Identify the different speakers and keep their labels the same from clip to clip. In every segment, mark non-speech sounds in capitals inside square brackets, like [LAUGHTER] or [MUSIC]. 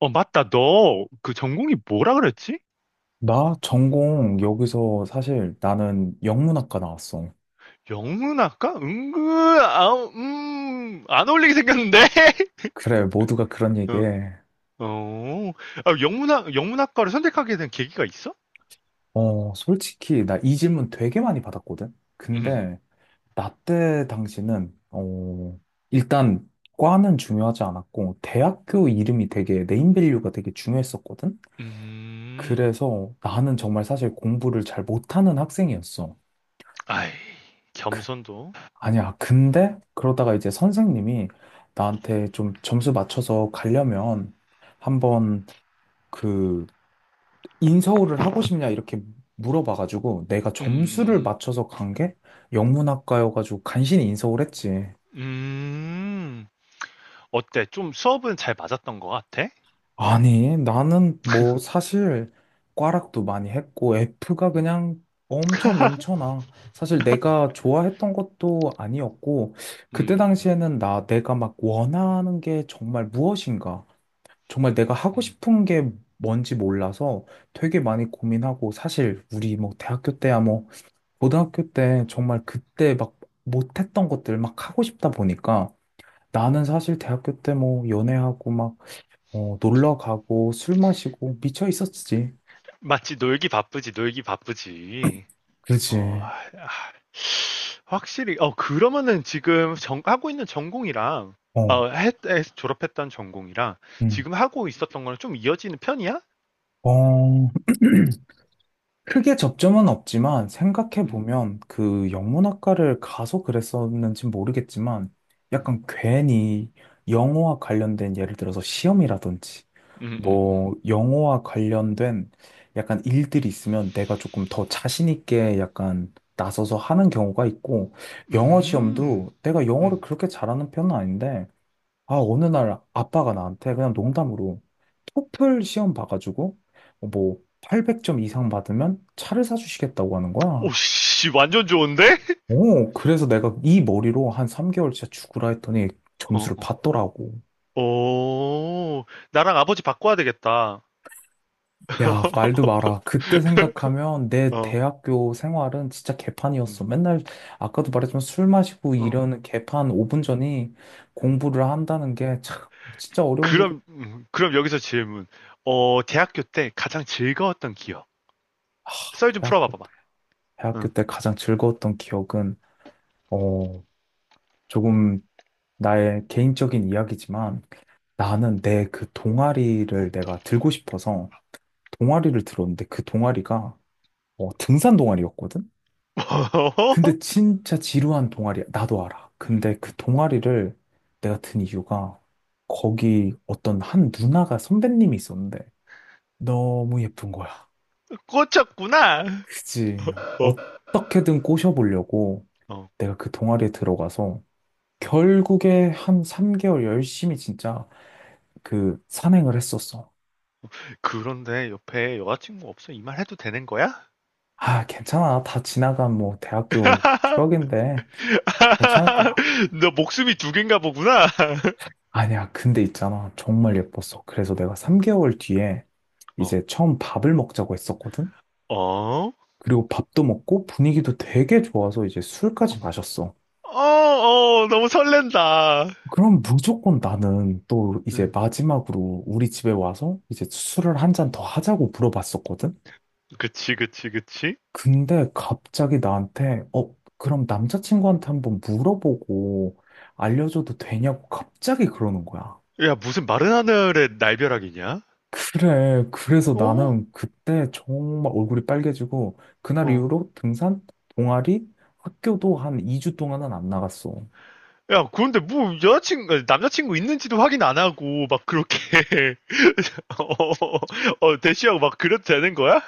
Speaker 1: 어, 맞다. 너 그 전공이 뭐라 그랬지?
Speaker 2: 나 전공 여기서 사실 나는 영문학과 나왔어.
Speaker 1: 영문학과? 은근, 아, 안 어울리게 생겼는데? [LAUGHS]
Speaker 2: 그래, 모두가 그런
Speaker 1: 어,
Speaker 2: 얘기해.
Speaker 1: 어. 아, 영문학과를 선택하게 된 계기가 있어?
Speaker 2: 솔직히 나 이 질문 되게 많이 받았거든?
Speaker 1: 음,
Speaker 2: 근데 나 때 당시는, 일단 과는 중요하지 않았고, 대학교 이름이 되게 네임밸류가 되게 중요했었거든?
Speaker 1: 음,
Speaker 2: 그래서 나는 정말 사실 공부를 잘 못하는 학생이었어.
Speaker 1: 아이, 겸손도. 음,
Speaker 2: 아니야, 근데 그러다가 이제 선생님이 나한테 좀 점수 맞춰서 가려면 한번 그 인서울을 하고 싶냐 이렇게 물어봐가지고 내가
Speaker 1: 음, 음,
Speaker 2: 점수를
Speaker 1: 음.
Speaker 2: 맞춰서 간 게 영문학과여가지고 간신히 인서울 했지.
Speaker 1: 음. 음. 어때? 좀 수업은 잘 맞았던 것 같아?
Speaker 2: 아니 나는 뭐 사실 과락도 많이 했고 F가
Speaker 1: 음,
Speaker 2: 그냥 엄청 넘쳐나. 사실 내가 좋아했던 것도 아니었고 그때
Speaker 1: 음, 음,
Speaker 2: 당시에는 나 내가 막 원하는 게 정말 무엇인가 정말 내가 하고
Speaker 1: 음.
Speaker 2: 싶은 게 뭔지 몰라서 되게 많이 고민하고 사실 우리 뭐 대학교 때야 뭐 고등학교 때 정말 그때 막 못했던 것들 막 하고 싶다 보니까 나는 사실 대학교 때 뭐 연애하고 막 놀러 가고 술 마시고 미쳐 있었지.
Speaker 1: 맞지, 놀기 바쁘지, 놀기 바쁘지. 어,
Speaker 2: 그지.
Speaker 1: 확실히, 어, 그러면은 지금 하고 있는 전공이랑,
Speaker 2: 어,
Speaker 1: 어, 졸업했던 전공이랑
Speaker 2: 응.
Speaker 1: 지금 하고 있었던 거랑 좀 이어지는 편이야?
Speaker 2: 어, [CLEARS THROAT] 크게 접점은 없지만
Speaker 1: 음,
Speaker 2: 생각해보면 그 영문학과를 가서 그랬었는지 모르겠지만 약간 괜히 영어와 관련된 예를 들어서 시험이라든지
Speaker 1: 음, 음, 음.
Speaker 2: 뭐 영어와 관련된 약간 일들이 있으면 내가 조금 더 자신 있게 약간 나서서 하는 경우가 있고 영어
Speaker 1: 음,
Speaker 2: 시험도 내가 영어를
Speaker 1: 음.
Speaker 2: 그렇게 잘하는 편은 아닌데 아 어느 날 아빠가 나한테 그냥 농담으로 토플 시험 봐가지고 뭐 800점 이상 받으면 차를 사주시겠다고 하는 거야.
Speaker 1: 오씨, 완전 좋은데?
Speaker 2: 오, 그래서 내가 이 머리로 한 3개월 진짜 죽으라 했더니
Speaker 1: 어,
Speaker 2: 점수를
Speaker 1: 어.
Speaker 2: 받더라고.
Speaker 1: 오, 나랑 아버지 바꿔야 되겠다.
Speaker 2: 야, 말도
Speaker 1: [LAUGHS]
Speaker 2: 마라. 그때 생각하면 내
Speaker 1: 어,
Speaker 2: 대학교 생활은 진짜
Speaker 1: 음,
Speaker 2: 개판이었어. 맨날 아까도 말했지만 술 마시고
Speaker 1: 어.
Speaker 2: 이러는 개판 5분 전이 공부를 한다는 게 참 진짜 어려운 일이.
Speaker 1: 그럼, 그럼 여기서 질문. 어, 대학교 때 가장 즐거웠던 기억.
Speaker 2: 아,
Speaker 1: 썰 좀
Speaker 2: 대학교 때,
Speaker 1: 풀어봐봐봐.
Speaker 2: 대학교
Speaker 1: 응.
Speaker 2: 때 가장 즐거웠던 기억은 어, 조금 나의 개인적인 이야기지만 나는 내 그 동아리를 내가 들고 싶어서 동아리를 들었는데 그 동아리가 등산 동아리였거든? 근데
Speaker 1: [LAUGHS]
Speaker 2: 진짜 지루한 동아리야. 나도 알아.
Speaker 1: 음,
Speaker 2: 근데 그 동아리를 내가 든 이유가 거기 어떤 한 누나가 선배님이 있었는데 너무 예쁜 거야.
Speaker 1: 꽂혔구나.
Speaker 2: 그지?
Speaker 1: 어,
Speaker 2: 어떻게든 꼬셔보려고
Speaker 1: 어.
Speaker 2: 내가 그 동아리에 들어가서 결국에 한 3개월 열심히 진짜 그 산행을 했었어.
Speaker 1: 그런데 옆에 여자친구 없어? 이 말 해도 되는 거야?
Speaker 2: 아, 괜찮아. 다 지나간 뭐 대학교 추억인데 괜찮을 거야.
Speaker 1: [LAUGHS] 너 목숨이 두 개인가 보구나. [LAUGHS]
Speaker 2: 아니야, 근데 있잖아. 정말
Speaker 1: 음,
Speaker 2: 예뻤어. 그래서 내가
Speaker 1: 음,
Speaker 2: 3개월 뒤에
Speaker 1: 어,
Speaker 2: 이제 처음 밥을 먹자고 했었거든?
Speaker 1: 어,
Speaker 2: 그리고 밥도 먹고 분위기도 되게 좋아서 이제 술까지
Speaker 1: 음.
Speaker 2: 마셨어.
Speaker 1: 어, 어, 너무 설렌다.
Speaker 2: 그럼 무조건 나는 또 이제
Speaker 1: 음,
Speaker 2: 마지막으로 우리 집에 와서 이제 술을 한 잔 더 하자고 물어봤었거든?
Speaker 1: 그치, 그치, 그치.
Speaker 2: 근데 갑자기 나한테, 그럼 남자친구한테 한번 물어보고 알려줘도 되냐고 갑자기 그러는 거야.
Speaker 1: 야, 무슨 마른 하늘에 날벼락이냐?
Speaker 2: 그래. 그래서
Speaker 1: 어,
Speaker 2: 나는 그때 정말 얼굴이 빨개지고, 그날
Speaker 1: 어.
Speaker 2: 이후로 등산, 동아리, 학교도 한 2주 동안은 안 나갔어.
Speaker 1: 야, 그런데 뭐 여자친구, 남자친구 있는지도 확인 안 하고 막 그렇게 [LAUGHS] 어, 어, 어, 대시하고 막 그래도 되는 거야?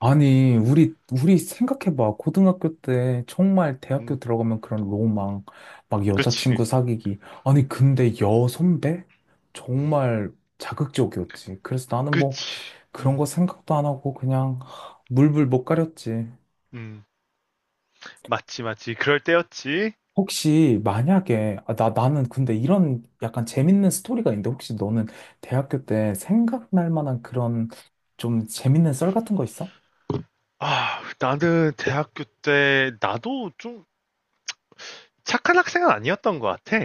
Speaker 2: 아니, 우리 생각해봐. 고등학교 때 정말 대학교
Speaker 1: 음,
Speaker 2: 들어가면 그런 로망, 막
Speaker 1: 그치,
Speaker 2: 여자친구 사귀기. 아니, 근데 여선배? 정말 자극적이었지. 그래서 나는 뭐
Speaker 1: 그치.
Speaker 2: 그런 거
Speaker 1: 음,
Speaker 2: 생각도 안 하고 그냥 물불 못 가렸지.
Speaker 1: 음, 맞지, 맞지. 그럴 때였지.
Speaker 2: 혹시 만약에 아, 나 나는 근데 이런 약간 재밌는 스토리가 있는데 혹시 너는 대학교 때 생각날 만한 그런 좀 재밌는 썰 같은 거 있어?
Speaker 1: 아, 나는 대학교 때 나도 좀 착한 학생은 아니었던 것 같아.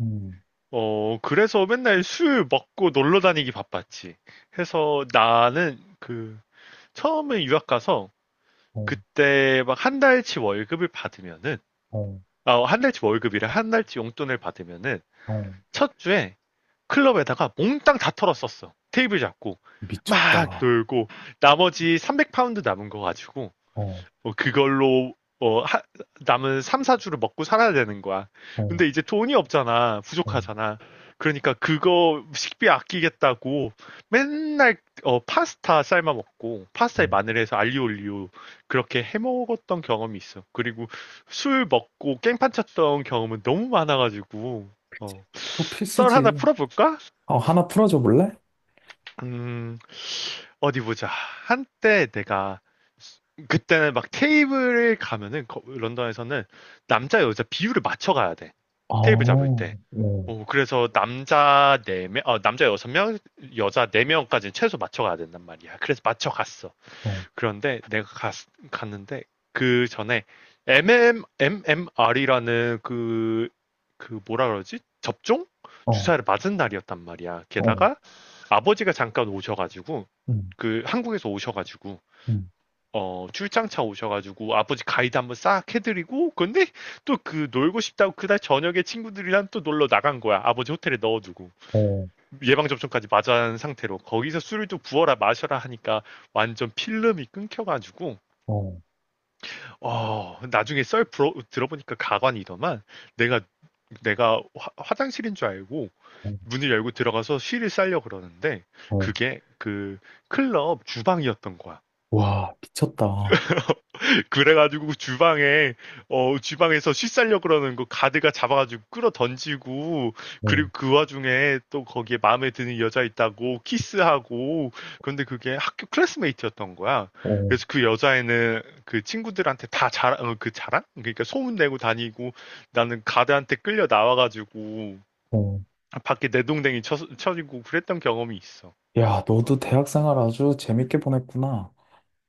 Speaker 2: 음,
Speaker 1: 어, 그래서 맨날 술 먹고 놀러 다니기 바빴지. 해서 나는 그 처음에 유학 가서
Speaker 2: 어,
Speaker 1: 그때 막 한 달치 월급을 받으면은
Speaker 2: 어,
Speaker 1: 아, 한 달치 월급이라 한 달치 용돈을 받으면은
Speaker 2: 어,
Speaker 1: 첫 주에 클럽에다가 몽땅 다 털었었어. 테이블 잡고
Speaker 2: 미쳤다.
Speaker 1: 막
Speaker 2: 어,
Speaker 1: 놀고 나머지 300파운드 남은 거 가지고
Speaker 2: 어,
Speaker 1: 어, 그걸로 어, 하- 남은 3, 4주를 먹고 살아야 되는 거야.
Speaker 2: 어,
Speaker 1: 근데 이제 돈이 없잖아.
Speaker 2: 어,
Speaker 1: 부족하잖아. 그러니까 그거 식비 아끼겠다고 맨날 어, 파스타 삶아 먹고 파스타에
Speaker 2: 어.
Speaker 1: 마늘해서 알리올리오 그렇게 해 먹었던 경험이 있어. 그리고 술 먹고 깽판 쳤던 경험은 너무 많아가지고 어,
Speaker 2: 그거
Speaker 1: 썰 하나
Speaker 2: 필수지.
Speaker 1: 풀어볼까?
Speaker 2: 어, 하나 풀어줘 볼래?
Speaker 1: 음, 어디 보자. 한때 내가 그때는 막 테이블을 가면은 런던에서는 남자 여자 비율을 맞춰 가야 돼.
Speaker 2: 아,
Speaker 1: 테이블 잡을
Speaker 2: 어,
Speaker 1: 때.
Speaker 2: 어,
Speaker 1: 오 그래서 남자 네명 어, 남자 여섯 명 여자 네명까지 최소 맞춰 가야 된단 말이야. 그래서 맞춰 갔어.
Speaker 2: 어,
Speaker 1: 그런데 내가 갔는데 그 전에 MM, MMR이라는 그, 그 뭐라 그러지? 접종? 주사를 맞은 날이었단 말이야.
Speaker 2: 어,
Speaker 1: 게다가 아버지가 잠깐 오셔가지고,
Speaker 2: 음,
Speaker 1: 그 한국에서 오셔가지고,
Speaker 2: 음,
Speaker 1: 어, 출장차 오셔가지고 아버지 가이드 한번 싹 해드리고, 근데 또 그 놀고 싶다고 그날 저녁에 친구들이랑 또 놀러 나간 거야. 아버지 호텔에 넣어두고.
Speaker 2: 어,
Speaker 1: 예방접종까지 맞은 상태로. 거기서 술을 또 부어라 마셔라 하니까 완전 필름이 끊겨가지고,
Speaker 2: 어,
Speaker 1: 어, 나중에 들어보니까 가관이더만 내가, 내가 화장실인 줄 알고
Speaker 2: 어,
Speaker 1: 문을 열고 들어가서 쉬를 쌀려 그러는데,
Speaker 2: 어,
Speaker 1: 그게 그 클럽 주방이었던 거야.
Speaker 2: 와, 미쳤다.
Speaker 1: 그래가지고 주방에 어 주방에서 씻살려 그러는 거 가드가 잡아가지고 끌어 던지고
Speaker 2: 어,
Speaker 1: 그리고 그 와중에 또 거기에 마음에 드는 여자 있다고 키스하고 그런데 그게 학교 클래스메이트였던 거야.
Speaker 2: 어,
Speaker 1: 그래서 그 여자애는 그 친구들한테 다 자랑 어, 그 자랑 그러니까 소문 내고 다니고 나는 가드한테 끌려 나와가지고
Speaker 2: 어.
Speaker 1: 밖에 내동댕이 쳐지고 그랬던 경험이 있어.
Speaker 2: 야,
Speaker 1: 어.
Speaker 2: 너도 대학 생활 아주 재밌게 보냈구나.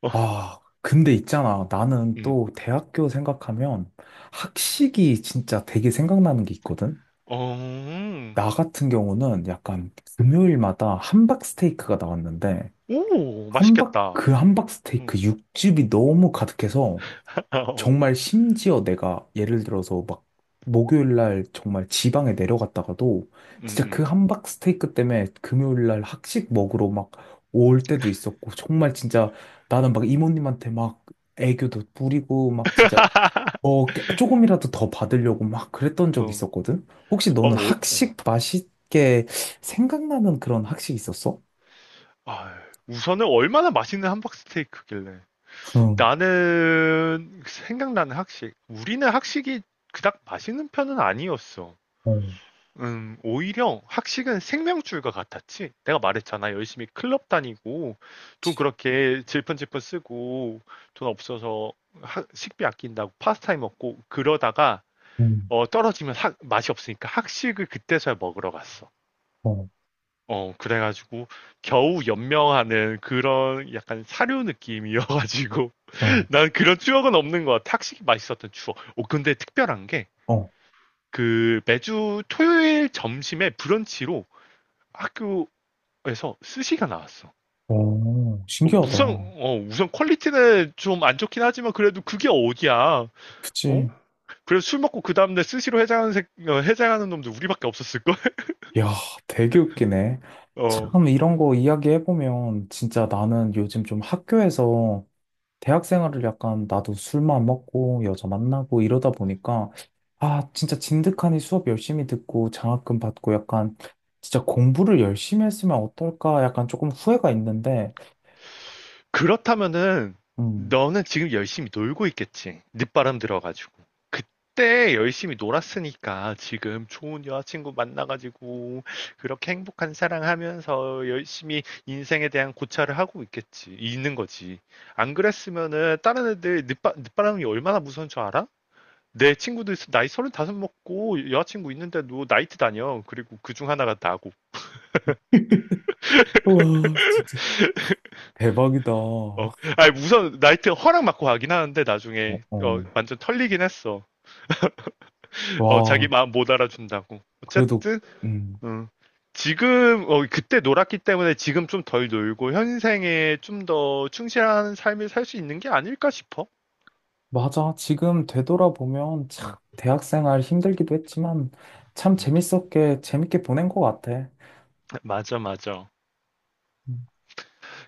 Speaker 1: 어,
Speaker 2: 아, 근데 있잖아. 나는
Speaker 1: 음.
Speaker 2: 또 대학교 생각하면 학식이 진짜 되게 생각나는 게 있거든?
Speaker 1: 어,
Speaker 2: 나 같은 경우는 약간 금요일마다 함박 스테이크가 나왔는데,
Speaker 1: 오,
Speaker 2: 함박,
Speaker 1: 맛있겠다.
Speaker 2: 그 함박
Speaker 1: 음.
Speaker 2: 스테이크 육즙이 너무 가득해서
Speaker 1: [LAUGHS] 어,
Speaker 2: 정말 심지어 내가 예를 들어서 막 목요일 날 정말 지방에 내려갔다가도
Speaker 1: 음,
Speaker 2: 진짜 그
Speaker 1: 음.
Speaker 2: 함박 스테이크 때문에 금요일 날 학식 먹으러 막 올 때도 있었고 정말 진짜 나는 막 이모님한테 막 애교도 부리고 막 진짜 뭐 조금이라도 더 받으려고 막 그랬던 적이
Speaker 1: 어,
Speaker 2: 있었거든. 혹시
Speaker 1: 어,
Speaker 2: 너는
Speaker 1: 어, 어.
Speaker 2: 학식 맛있게 생각나는 그런 학식 있었어?
Speaker 1: 아, 우선은 얼마나 맛있는 함박 스테이크길래.
Speaker 2: 응,
Speaker 1: 나는 생각나는 학식. 우리는 학식이 그닥 맛있는 편은 아니었어.
Speaker 2: 어,
Speaker 1: 오히려 학식은 생명줄과 같았지. 내가 말했잖아. 열심히 클럽 다니고, 돈 그렇게 질펀질펀 쓰고, 돈 없어서 식비 아낀다고 파스타에 먹고, 그러다가,
Speaker 2: 응,
Speaker 1: 어, 떨어지면 맛이 없으니까 학식을 그때서야 먹으러 갔어.
Speaker 2: 어,
Speaker 1: 어, 그래가지고 겨우 연명하는 그런 약간 사료 느낌이어가지고
Speaker 2: 어,
Speaker 1: [LAUGHS] 난 그런 추억은 없는 것 같아. 확실히 맛있었던 추억. 오, 근데 특별한 게
Speaker 2: 어,
Speaker 1: 그 매주 토요일 점심에 브런치로 학교에서 스시가 나왔어.
Speaker 2: 어,
Speaker 1: 어,
Speaker 2: 신기하다.
Speaker 1: 우선, 어, 우선 퀄리티는 좀 안 좋긴 하지만 그래도 그게 어디야. 어?
Speaker 2: 그치.
Speaker 1: 그래서 술 먹고 그 다음날 스시로 해장하는, 어, 해장하는 놈들 우리밖에 없었을걸? [LAUGHS]
Speaker 2: 야, 되게 웃기네.
Speaker 1: 어.
Speaker 2: 참, 이런 거 이야기해보면, 진짜 나는 요즘 좀 학교에서 대학 생활을 약간 나도 술만 먹고 여자 만나고 이러다 보니까, 아, 진짜 진득하니 수업 열심히 듣고 장학금 받고 약간 진짜 공부를 열심히 했으면 어떨까 약간 조금 후회가 있는데,
Speaker 1: 그렇다면은
Speaker 2: 음.
Speaker 1: 너는 지금 열심히 놀고 있겠지. 늦바람 들어가지고. 그때 열심히 놀았으니까 지금 좋은 여자친구 만나가지고 그렇게 행복한 사랑하면서 열심히 인생에 대한 고찰을 하고 있겠지. 있는 거지. 안 그랬으면은 다른 애들 늦바람이 얼마나 무서운 줄 알아? 내 친구도 있어. 나이 다섯 먹고 여자친구 있는데도 나이트 다녀. 그리고 그 중 하나가 나고.
Speaker 2: [LAUGHS] 와, 진짜 대박이다.
Speaker 1: 어,
Speaker 2: 어,
Speaker 1: 아니 우선 나이트 허락 맞고 가긴 하는데 나중에 어,
Speaker 2: 어.
Speaker 1: 완전 털리긴 했어. 어, 자기
Speaker 2: 와,
Speaker 1: 마음 못 알아준다고.
Speaker 2: 그래도,
Speaker 1: 어쨌든,
Speaker 2: 음.
Speaker 1: 어. 지금, 어, 그때 놀았기 때문에 지금 좀 덜 놀고 현생에 좀 더 충실한 삶을 살 수 있는 게 아닐까 싶어.
Speaker 2: 맞아. 지금 되돌아보면 참
Speaker 1: 음,
Speaker 2: 대학생활 힘들기도 했지만 참 재밌게 보낸 것 같아.
Speaker 1: 맞아, 맞아.